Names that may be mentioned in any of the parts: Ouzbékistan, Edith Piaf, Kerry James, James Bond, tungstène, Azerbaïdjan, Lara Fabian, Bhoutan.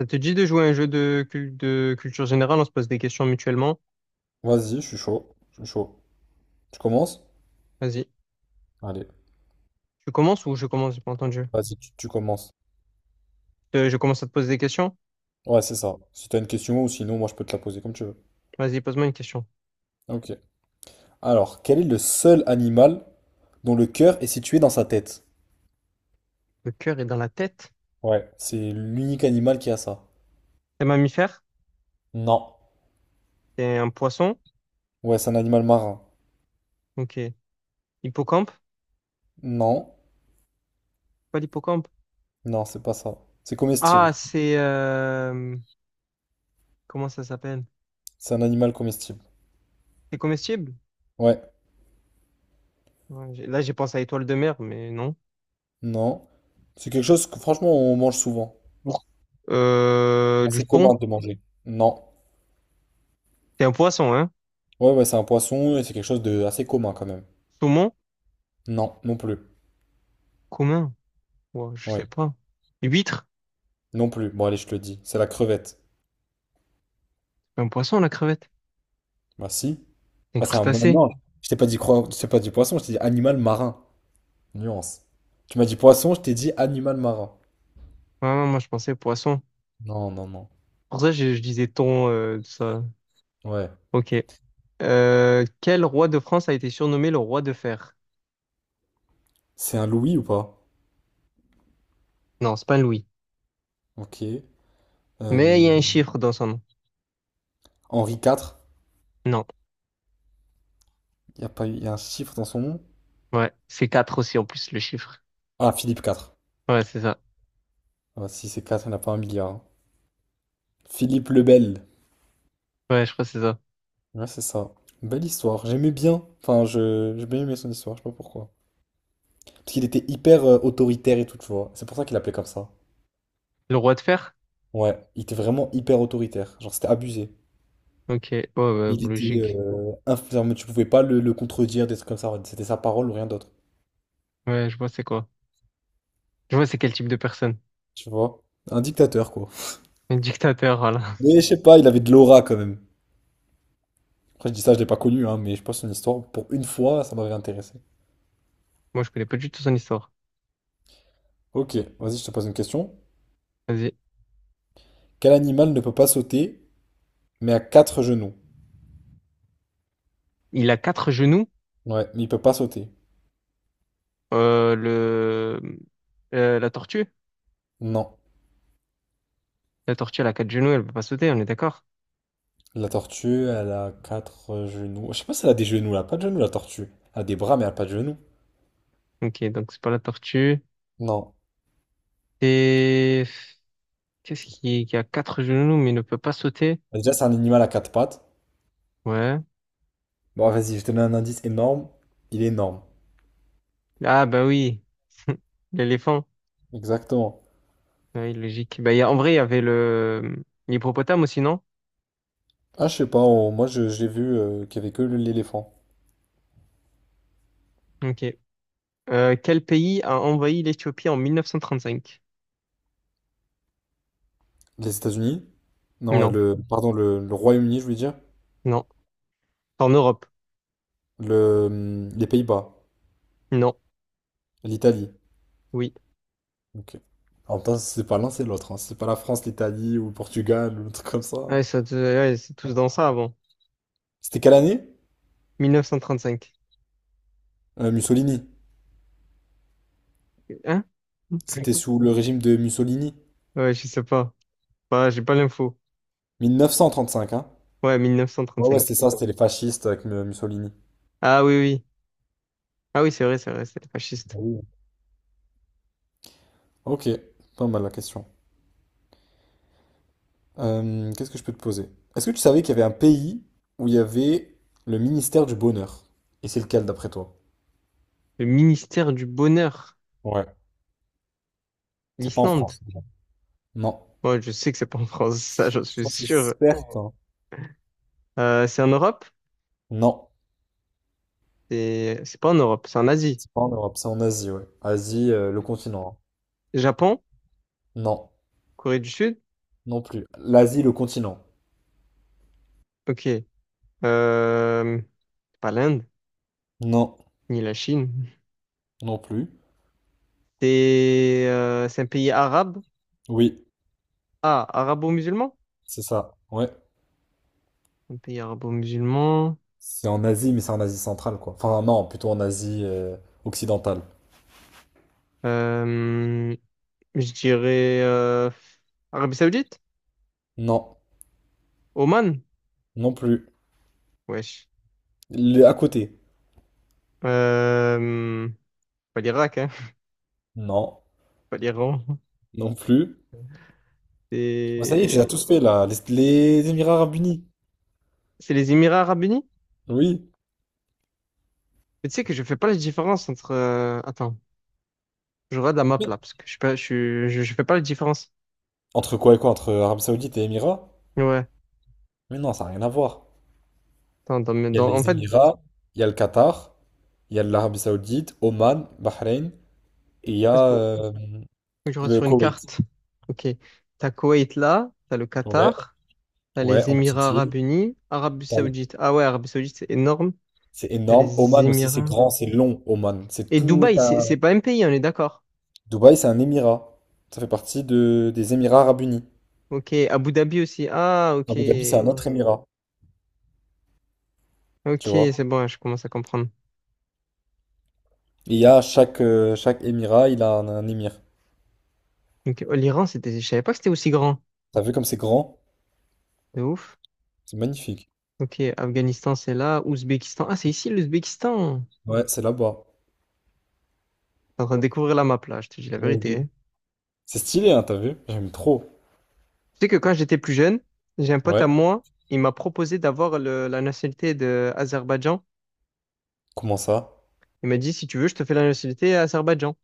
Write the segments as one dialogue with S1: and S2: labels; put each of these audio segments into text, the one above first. S1: Ça te dit de jouer à un jeu de, de culture générale? On se pose des questions mutuellement.
S2: Vas-y, je suis chaud. Je suis chaud. Tu commences?
S1: Vas-y.
S2: Allez,
S1: Tu commences ou je commence? J'ai pas entendu.
S2: vas-y, tu commences.
S1: Je commence à te poser des questions.
S2: Ouais, c'est ça. Si t'as une question ou sinon, moi, je peux te la poser comme tu veux.
S1: Vas-y, pose-moi une question.
S2: Ok. Alors, quel est le seul animal dont le cœur est situé dans sa tête?
S1: Le cœur est dans la tête.
S2: Ouais, c'est l'unique animal qui a ça.
S1: C'est un mammifère?
S2: Non.
S1: C'est un poisson?
S2: Ouais, c'est un animal marin.
S1: Ok. Hippocampe?
S2: Non.
S1: Pas l'hippocampe.
S2: Non, c'est pas ça. C'est comestible.
S1: Ah, c'est... euh, Comment ça s'appelle?
S2: C'est un animal comestible.
S1: C'est comestible?
S2: Ouais.
S1: Là, j'ai pensé à étoile de mer, mais non.
S2: Non. C'est quelque chose que, franchement, on mange souvent.
S1: Bon.
S2: Assez
S1: Du thon?
S2: commun de manger. Non.
S1: C'est un poisson, hein?
S2: Ouais, ouais, c'est un poisson et c'est quelque chose de assez commun quand même.
S1: Saumon?
S2: Non, non plus.
S1: Commun? Ouais, je
S2: Ouais,
S1: sais pas. Huître?
S2: non plus. Bon, allez, je te le dis. C'est la crevette.
S1: C'est un poisson, la crevette.
S2: Bah, si.
S1: C'est un
S2: Enfin c'est un
S1: crustacé.
S2: non, je t'ai pas dit cro. Je t'ai pas dit poisson, je t'ai dit animal marin. Nuance. Tu m'as dit poisson, je t'ai dit animal marin.
S1: Ah, moi, je pensais poisson.
S2: Non, non, non.
S1: Pour ça, je disais thon, tout ça.
S2: Ouais.
S1: Ok. Quel roi de France a été surnommé le roi de fer?
S2: C'est un Louis ou pas?
S1: Non, c'est pas Louis.
S2: Ok.
S1: Mais il y
S2: Euh,
S1: a un chiffre dans son nom.
S2: Henri IV.
S1: Non.
S2: Il y a pas eu... y a un chiffre dans son nom?
S1: Ouais, c'est 4 aussi en plus, le chiffre.
S2: Ah, Philippe IV.
S1: Ouais, c'est ça.
S2: Ah, si c'est 4, il n'y en a pas un milliard, hein. Philippe le Bel.
S1: Ouais, je crois que c'est ça.
S2: Ouais, c'est ça. Belle histoire. J'aimais bien. Enfin, j'ai bien aimé son histoire, je sais pas pourquoi. Parce qu'il était hyper autoritaire et tout, tu vois. C'est pour ça qu'il l'appelait comme ça.
S1: Le roi de fer?
S2: Ouais, il était vraiment hyper autoritaire. Genre, c'était abusé.
S1: Ok. Ouais, ouais,
S2: Il était
S1: logique.
S2: genre, mais tu pouvais pas le contredire, des trucs comme ça. C'était sa parole ou rien d'autre.
S1: Ouais, je vois c'est quoi. Je vois c'est quel type de personne.
S2: Tu vois? Un dictateur, quoi.
S1: Un dictateur, voilà.
S2: Mais je sais pas, il avait de l'aura quand même. Après, je dis ça, je l'ai pas connu, hein, mais je pense que son histoire, pour une fois, ça m'avait intéressé.
S1: Moi, je connais pas du tout son histoire.
S2: Ok, vas-y, je te pose une question.
S1: Vas-y.
S2: Quel animal ne peut pas sauter, mais a quatre genoux?
S1: Il a quatre genoux.
S2: Ouais, mais il peut pas sauter.
S1: Euh, le... la tortue?
S2: Non.
S1: La tortue, elle a quatre genoux, elle peut pas sauter, on est d'accord?
S2: La tortue, elle a quatre genoux. Je sais pas si elle a des genoux, elle a pas de genoux, la tortue. Elle a des bras, mais elle a pas de genoux.
S1: Ok, donc c'est pas la tortue.
S2: Non.
S1: Et qu'est-ce qui a quatre genoux mais ne peut pas sauter?
S2: Déjà, c'est un animal à quatre pattes.
S1: Ouais.
S2: Bon, vas-y, je te donne un indice énorme. Il est énorme.
S1: Ah bah oui, l'éléphant.
S2: Exactement.
S1: Oui, logique. En vrai, il y avait le l'hippopotame aussi, non?
S2: Ah, je sais pas, moi je l'ai vu qu'il y avait que l'éléphant.
S1: Ok. Quel pays a envahi l'Éthiopie en 1935?
S2: Les États-Unis? Non,
S1: Non,
S2: le, pardon, le Royaume-Uni, je veux dire.
S1: non. En Europe?
S2: Les Pays-Bas.
S1: Non.
S2: L'Italie.
S1: Oui.
S2: Ok. En même temps, c'est pas l'un, c'est l'autre, hein. C'est pas la France, l'Italie ou le Portugal ou un truc comme ça.
S1: Ouais, ouais, c'est tous dans ça avant.
S2: C'était quelle année?
S1: 1935.
S2: Mussolini.
S1: Hein?
S2: C'était sous le régime de Mussolini.
S1: Ouais, je sais pas. Bah, j'ai pas l'info.
S2: 1935, hein?
S1: Ouais,
S2: Ouais, ouais, c'était
S1: 1935.
S2: ça, c'était les fascistes avec Mussolini.
S1: Ah oui, oui. Ah oui, c'est vrai, c'est vrai, c'est
S2: Ah
S1: fasciste.
S2: oui. Ok, pas mal la question. Qu'est-ce que je peux te poser? Est-ce que tu savais qu'il y avait un pays où il y avait le ministère du Bonheur? Et c'est lequel d'après toi?
S1: Le ministère du Bonheur,
S2: Ouais, c'est pas en
S1: l'Islande.
S2: France, déjà. Non.
S1: Ouais, je sais que c'est pas en France, ça, j'en suis
S2: Ça, c'est
S1: sûr.
S2: certain.
S1: C'est en Europe?
S2: Non.
S1: C'est pas en Europe, c'est en Asie.
S2: C'est pas en Europe, c'est en Asie, ouais. Asie, le continent.
S1: Japon?
S2: Hein. Non.
S1: Corée du Sud?
S2: Non plus. L'Asie, le continent.
S1: Ok. Euh, Pas l'Inde,
S2: Non.
S1: ni la Chine.
S2: Non plus.
S1: C'est un pays arabe?
S2: Oui,
S1: Ah, arabo-musulman?
S2: c'est ça. Ouais.
S1: Un pays arabo-musulman.
S2: C'est en Asie, mais c'est en Asie centrale, quoi. Enfin, non, plutôt en Asie, occidentale.
S1: Euh, je dirais Arabie Saoudite?
S2: Non.
S1: Oman?
S2: Non plus.
S1: Wesh.
S2: À côté.
S1: Euh, Pas l'Irak, hein.
S2: Non.
S1: Pas l'Iran.
S2: Non plus. Bah, ça y est, tu l'as
S1: C'est
S2: tous fait là, les Émirats Arabes Unis.
S1: c'est les Émirats Arabes Unis?
S2: Oui.
S1: Mais tu sais que je fais pas la différence entre. Attends, je regarde la map
S2: Mais
S1: là parce que je, suis pas, je, suis- je fais pas la différence.
S2: entre quoi et quoi? Entre Arabie Saoudite et Émirats?
S1: Ouais.
S2: Mais non, ça n'a rien à voir.
S1: Attends,
S2: Il y a
S1: en
S2: les
S1: fait,
S2: Émirats, il y a le Qatar, il y a l'Arabie Saoudite, Oman, Bahreïn, et il y
S1: parce
S2: a
S1: que faut que je regarde
S2: le
S1: sur une
S2: Koweït.
S1: carte. Ok. T'as Koweït là, t'as le
S2: Ouais,
S1: Qatar, t'as
S2: ouais,
S1: les
S2: en petite
S1: Émirats
S2: île.
S1: Arabes Unis, Arabie
S2: T'as-
S1: Saoudite. Ah ouais, Arabie Saoudite, c'est énorme.
S2: C'est
S1: T'as
S2: énorme.
S1: les
S2: Oman aussi, c'est
S1: Émirats.
S2: grand, c'est long, Oman. C'est
S1: Et
S2: tout
S1: Dubaï,
S2: un...
S1: c'est pas un pays, on est d'accord.
S2: Dubaï, c'est un Émirat. Ça fait partie des Émirats Arabes Unis.
S1: Ok. Abu Dhabi aussi. Ah, ok.
S2: Abu Dhabi, c'est un autre Émirat, tu
S1: Ok,
S2: vois.
S1: c'est bon, je commence à comprendre.
S2: Et il y a chaque Émirat, il a un émir.
S1: Donc, l'Iran, c'était, je savais pas que c'était aussi grand.
S2: T'as vu comme c'est grand?
S1: De ouf.
S2: C'est magnifique.
S1: Ok, Afghanistan, c'est là. Ouzbékistan. Ah, c'est ici l'Ouzbékistan.
S2: Ouais, c'est là-bas.
S1: T'es en train de découvrir la map là, je te dis la
S2: Ouais, de
S1: vérité.
S2: ouf.
S1: Hein.
S2: C'est stylé, hein, t'as vu? J'aime trop.
S1: Tu sais que quand j'étais plus jeune, j'ai un pote à
S2: Ouais.
S1: moi, il m'a proposé d'avoir la nationalité de Azerbaïdjan.
S2: Comment ça?
S1: Il m'a dit, si tu veux, je te fais la nationalité Azerbaïdjan.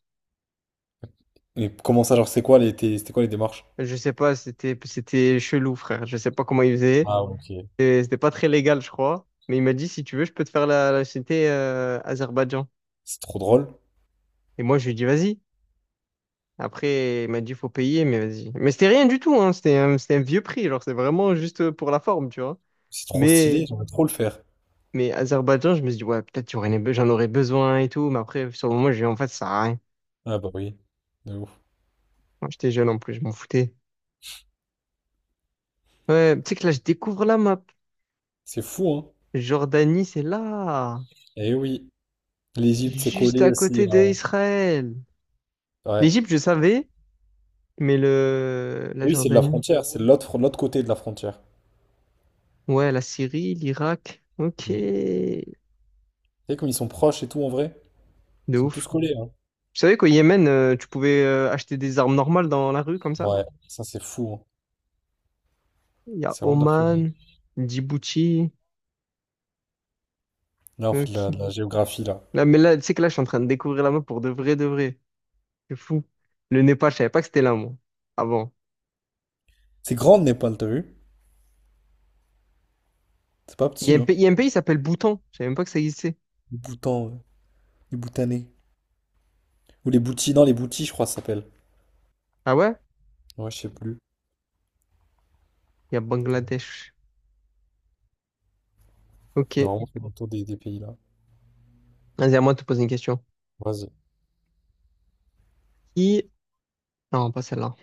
S2: Et comment ça, genre, c'est quoi c'était quoi les démarches?
S1: Je sais pas, c'était chelou, frère. Je sais pas comment il faisait.
S2: Ah, ok.
S1: C'était pas très légal, je crois. Mais il m'a dit, si tu veux, je peux te faire la nationalité Azerbaïdjan.
S2: C'est trop drôle.
S1: Et moi, je lui ai dit, vas-y. Après, il m'a dit faut payer, mais vas-y. Mais c'était rien du tout, hein. C'était c'était un vieux prix, genre c'est vraiment juste pour la forme, tu vois.
S2: C'est trop
S1: Mais,
S2: stylé, j'aimerais trop le faire.
S1: mais Azerbaïdjan, je me suis dit, ouais, peut-être j'en aurais besoin et tout, mais après, sur le moment, j'ai dit, en fait, ça sert à rien.
S2: Ah bah oui. De ouf.
S1: Moi, j'étais jeune en plus, je m'en foutais. Ouais, tu sais que là, je découvre la map.
S2: C'est fou, hein?
S1: Jordanie, c'est là,
S2: Eh oui. L'Égypte, c'est
S1: juste
S2: collé
S1: à
S2: aussi.
S1: côté d'Israël.
S2: Ouais.
S1: L'Égypte, je savais, mais la
S2: Oui, c'est de la
S1: Jordanie.
S2: frontière. C'est de l'autre côté de la frontière.
S1: Ouais, la Syrie, l'Irak. Ok.
S2: Mm. Tu
S1: De
S2: sais, comme ils sont proches et tout, en vrai. Ils sont tous
S1: ouf.
S2: collés, hein.
S1: Tu savais qu'au Yémen, tu pouvais acheter des armes normales dans la rue comme ça?
S2: Ouais, ça, c'est fou, hein.
S1: Il y a
S2: C'est vraiment de la folie.
S1: Oman, Djibouti,
S2: Là, on
S1: euh,
S2: fait de la,
S1: qui-
S2: de la géographie, là.
S1: Là, tu sais que là, je suis en train de découvrir la map pour de vrai, de vrai. C'est fou. Le Népal, je savais pas que c'était là, moi. Avant.
S2: C'est grande le Népal, t'as vu? C'est pas
S1: Il y
S2: petit,
S1: a un
S2: hein.
S1: pays, il y a un pays qui s'appelle Bhoutan. Je savais même pas que ça existait.
S2: Les Bhoutan, euh, les Bhoutanais. Ou les Bhoutis, non, les Bhoutis, je crois, ça s'appelle.
S1: Ah ouais?
S2: Ouais, je sais plus.
S1: Il y a Bangladesh. Ok.
S2: Normalement, c'est dans le tour des pays là.
S1: Vas-y, à moi de te poser une question.
S2: Vas-y,
S1: Qui... Non, pas celle-là.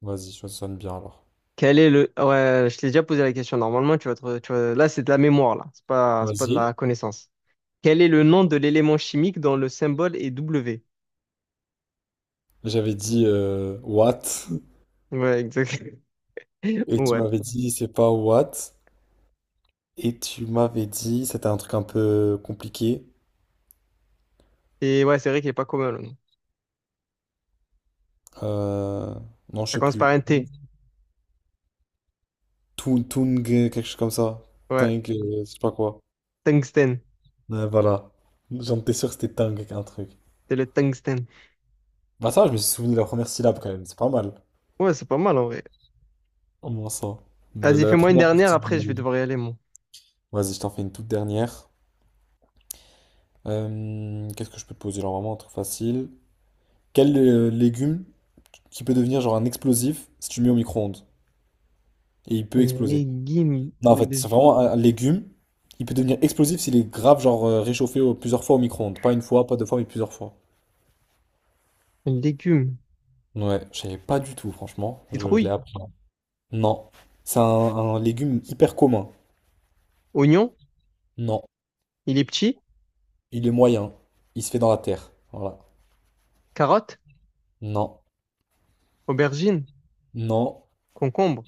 S2: vas-y, ça sonne bien alors.
S1: Ouais, je t'ai déjà posé la question. Normalement, tu vas te... tu vas- Là, c'est de la mémoire, là. C'est pas de
S2: Vas-y.
S1: la connaissance. Quel est le nom de l'élément chimique dont le symbole est W?
S2: J'avais dit what,
S1: Ouais, exact.
S2: et tu
S1: What?
S2: m'avais dit c'est pas what, et tu m'avais dit c'était un truc un peu compliqué.
S1: Et ouais, c'est vrai qu'il est pas commun, le nom.
S2: Euh, non, je
S1: Ça
S2: sais
S1: commence par
S2: plus.
S1: un T.
S2: Tung, Tung, quelque chose comme ça.
S1: Ouais,
S2: Tung, je sais pas quoi.
S1: tungstène.
S2: Ouais, voilà. J'en étais sûr que c'était Tung, un truc.
S1: C'est le tungstène.
S2: Bah ça, je me suis souvenu de la première syllabe quand même, c'est pas mal.
S1: Ouais, c'est pas mal en vrai.
S2: Au moins ça. La,
S1: Vas-y,
S2: la
S1: fais-moi une
S2: première
S1: dernière,
S2: partie du...
S1: après je vais devoir y aller, moi.
S2: Vas-y, je t'en fais une toute dernière. Qu'est-ce que je peux te poser? Genre vraiment un truc facile. Quel légume qui peut devenir genre un explosif si tu le mets au micro-ondes? Et il peut
S1: Un
S2: exploser.
S1: Légume.
S2: Non, en fait,
S1: de-
S2: c'est vraiment un légume. Il peut devenir explosif s'il est grave genre réchauffé plusieurs fois au micro-ondes. Pas une fois, pas deux fois, mais plusieurs fois.
S1: Un légume.
S2: Ouais, je savais pas du tout, franchement. Je l'ai
S1: Citrouille.
S2: appris. Non. C'est un légume hyper commun.
S1: Oignon.
S2: Non.
S1: Il est petit.
S2: Il est moyen. Il se fait dans la terre. Voilà.
S1: Carotte.
S2: Non.
S1: Aubergine.
S2: Non.
S1: Concombre.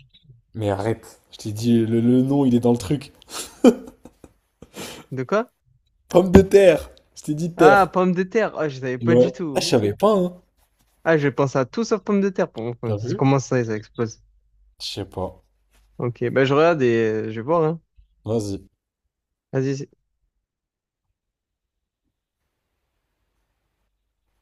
S2: Mais arrête. Je t'ai dit, le nom, il est dans le truc.
S1: De quoi?
S2: Pomme de terre. Je t'ai dit
S1: Ah,
S2: terre.
S1: pomme de terre. Ah, je savais pas du
S2: Ouais. Ah, je
S1: tout.
S2: savais pas, hein.
S1: Ah, je pense à tout sauf pomme de terre. Pour moi,
S2: T'as
S1: c'est
S2: vu?
S1: comment ça, ça explose.
S2: Je sais pas.
S1: Ok, ben je regarde et je vais voir, hein.
S2: Vas-y.
S1: vas-y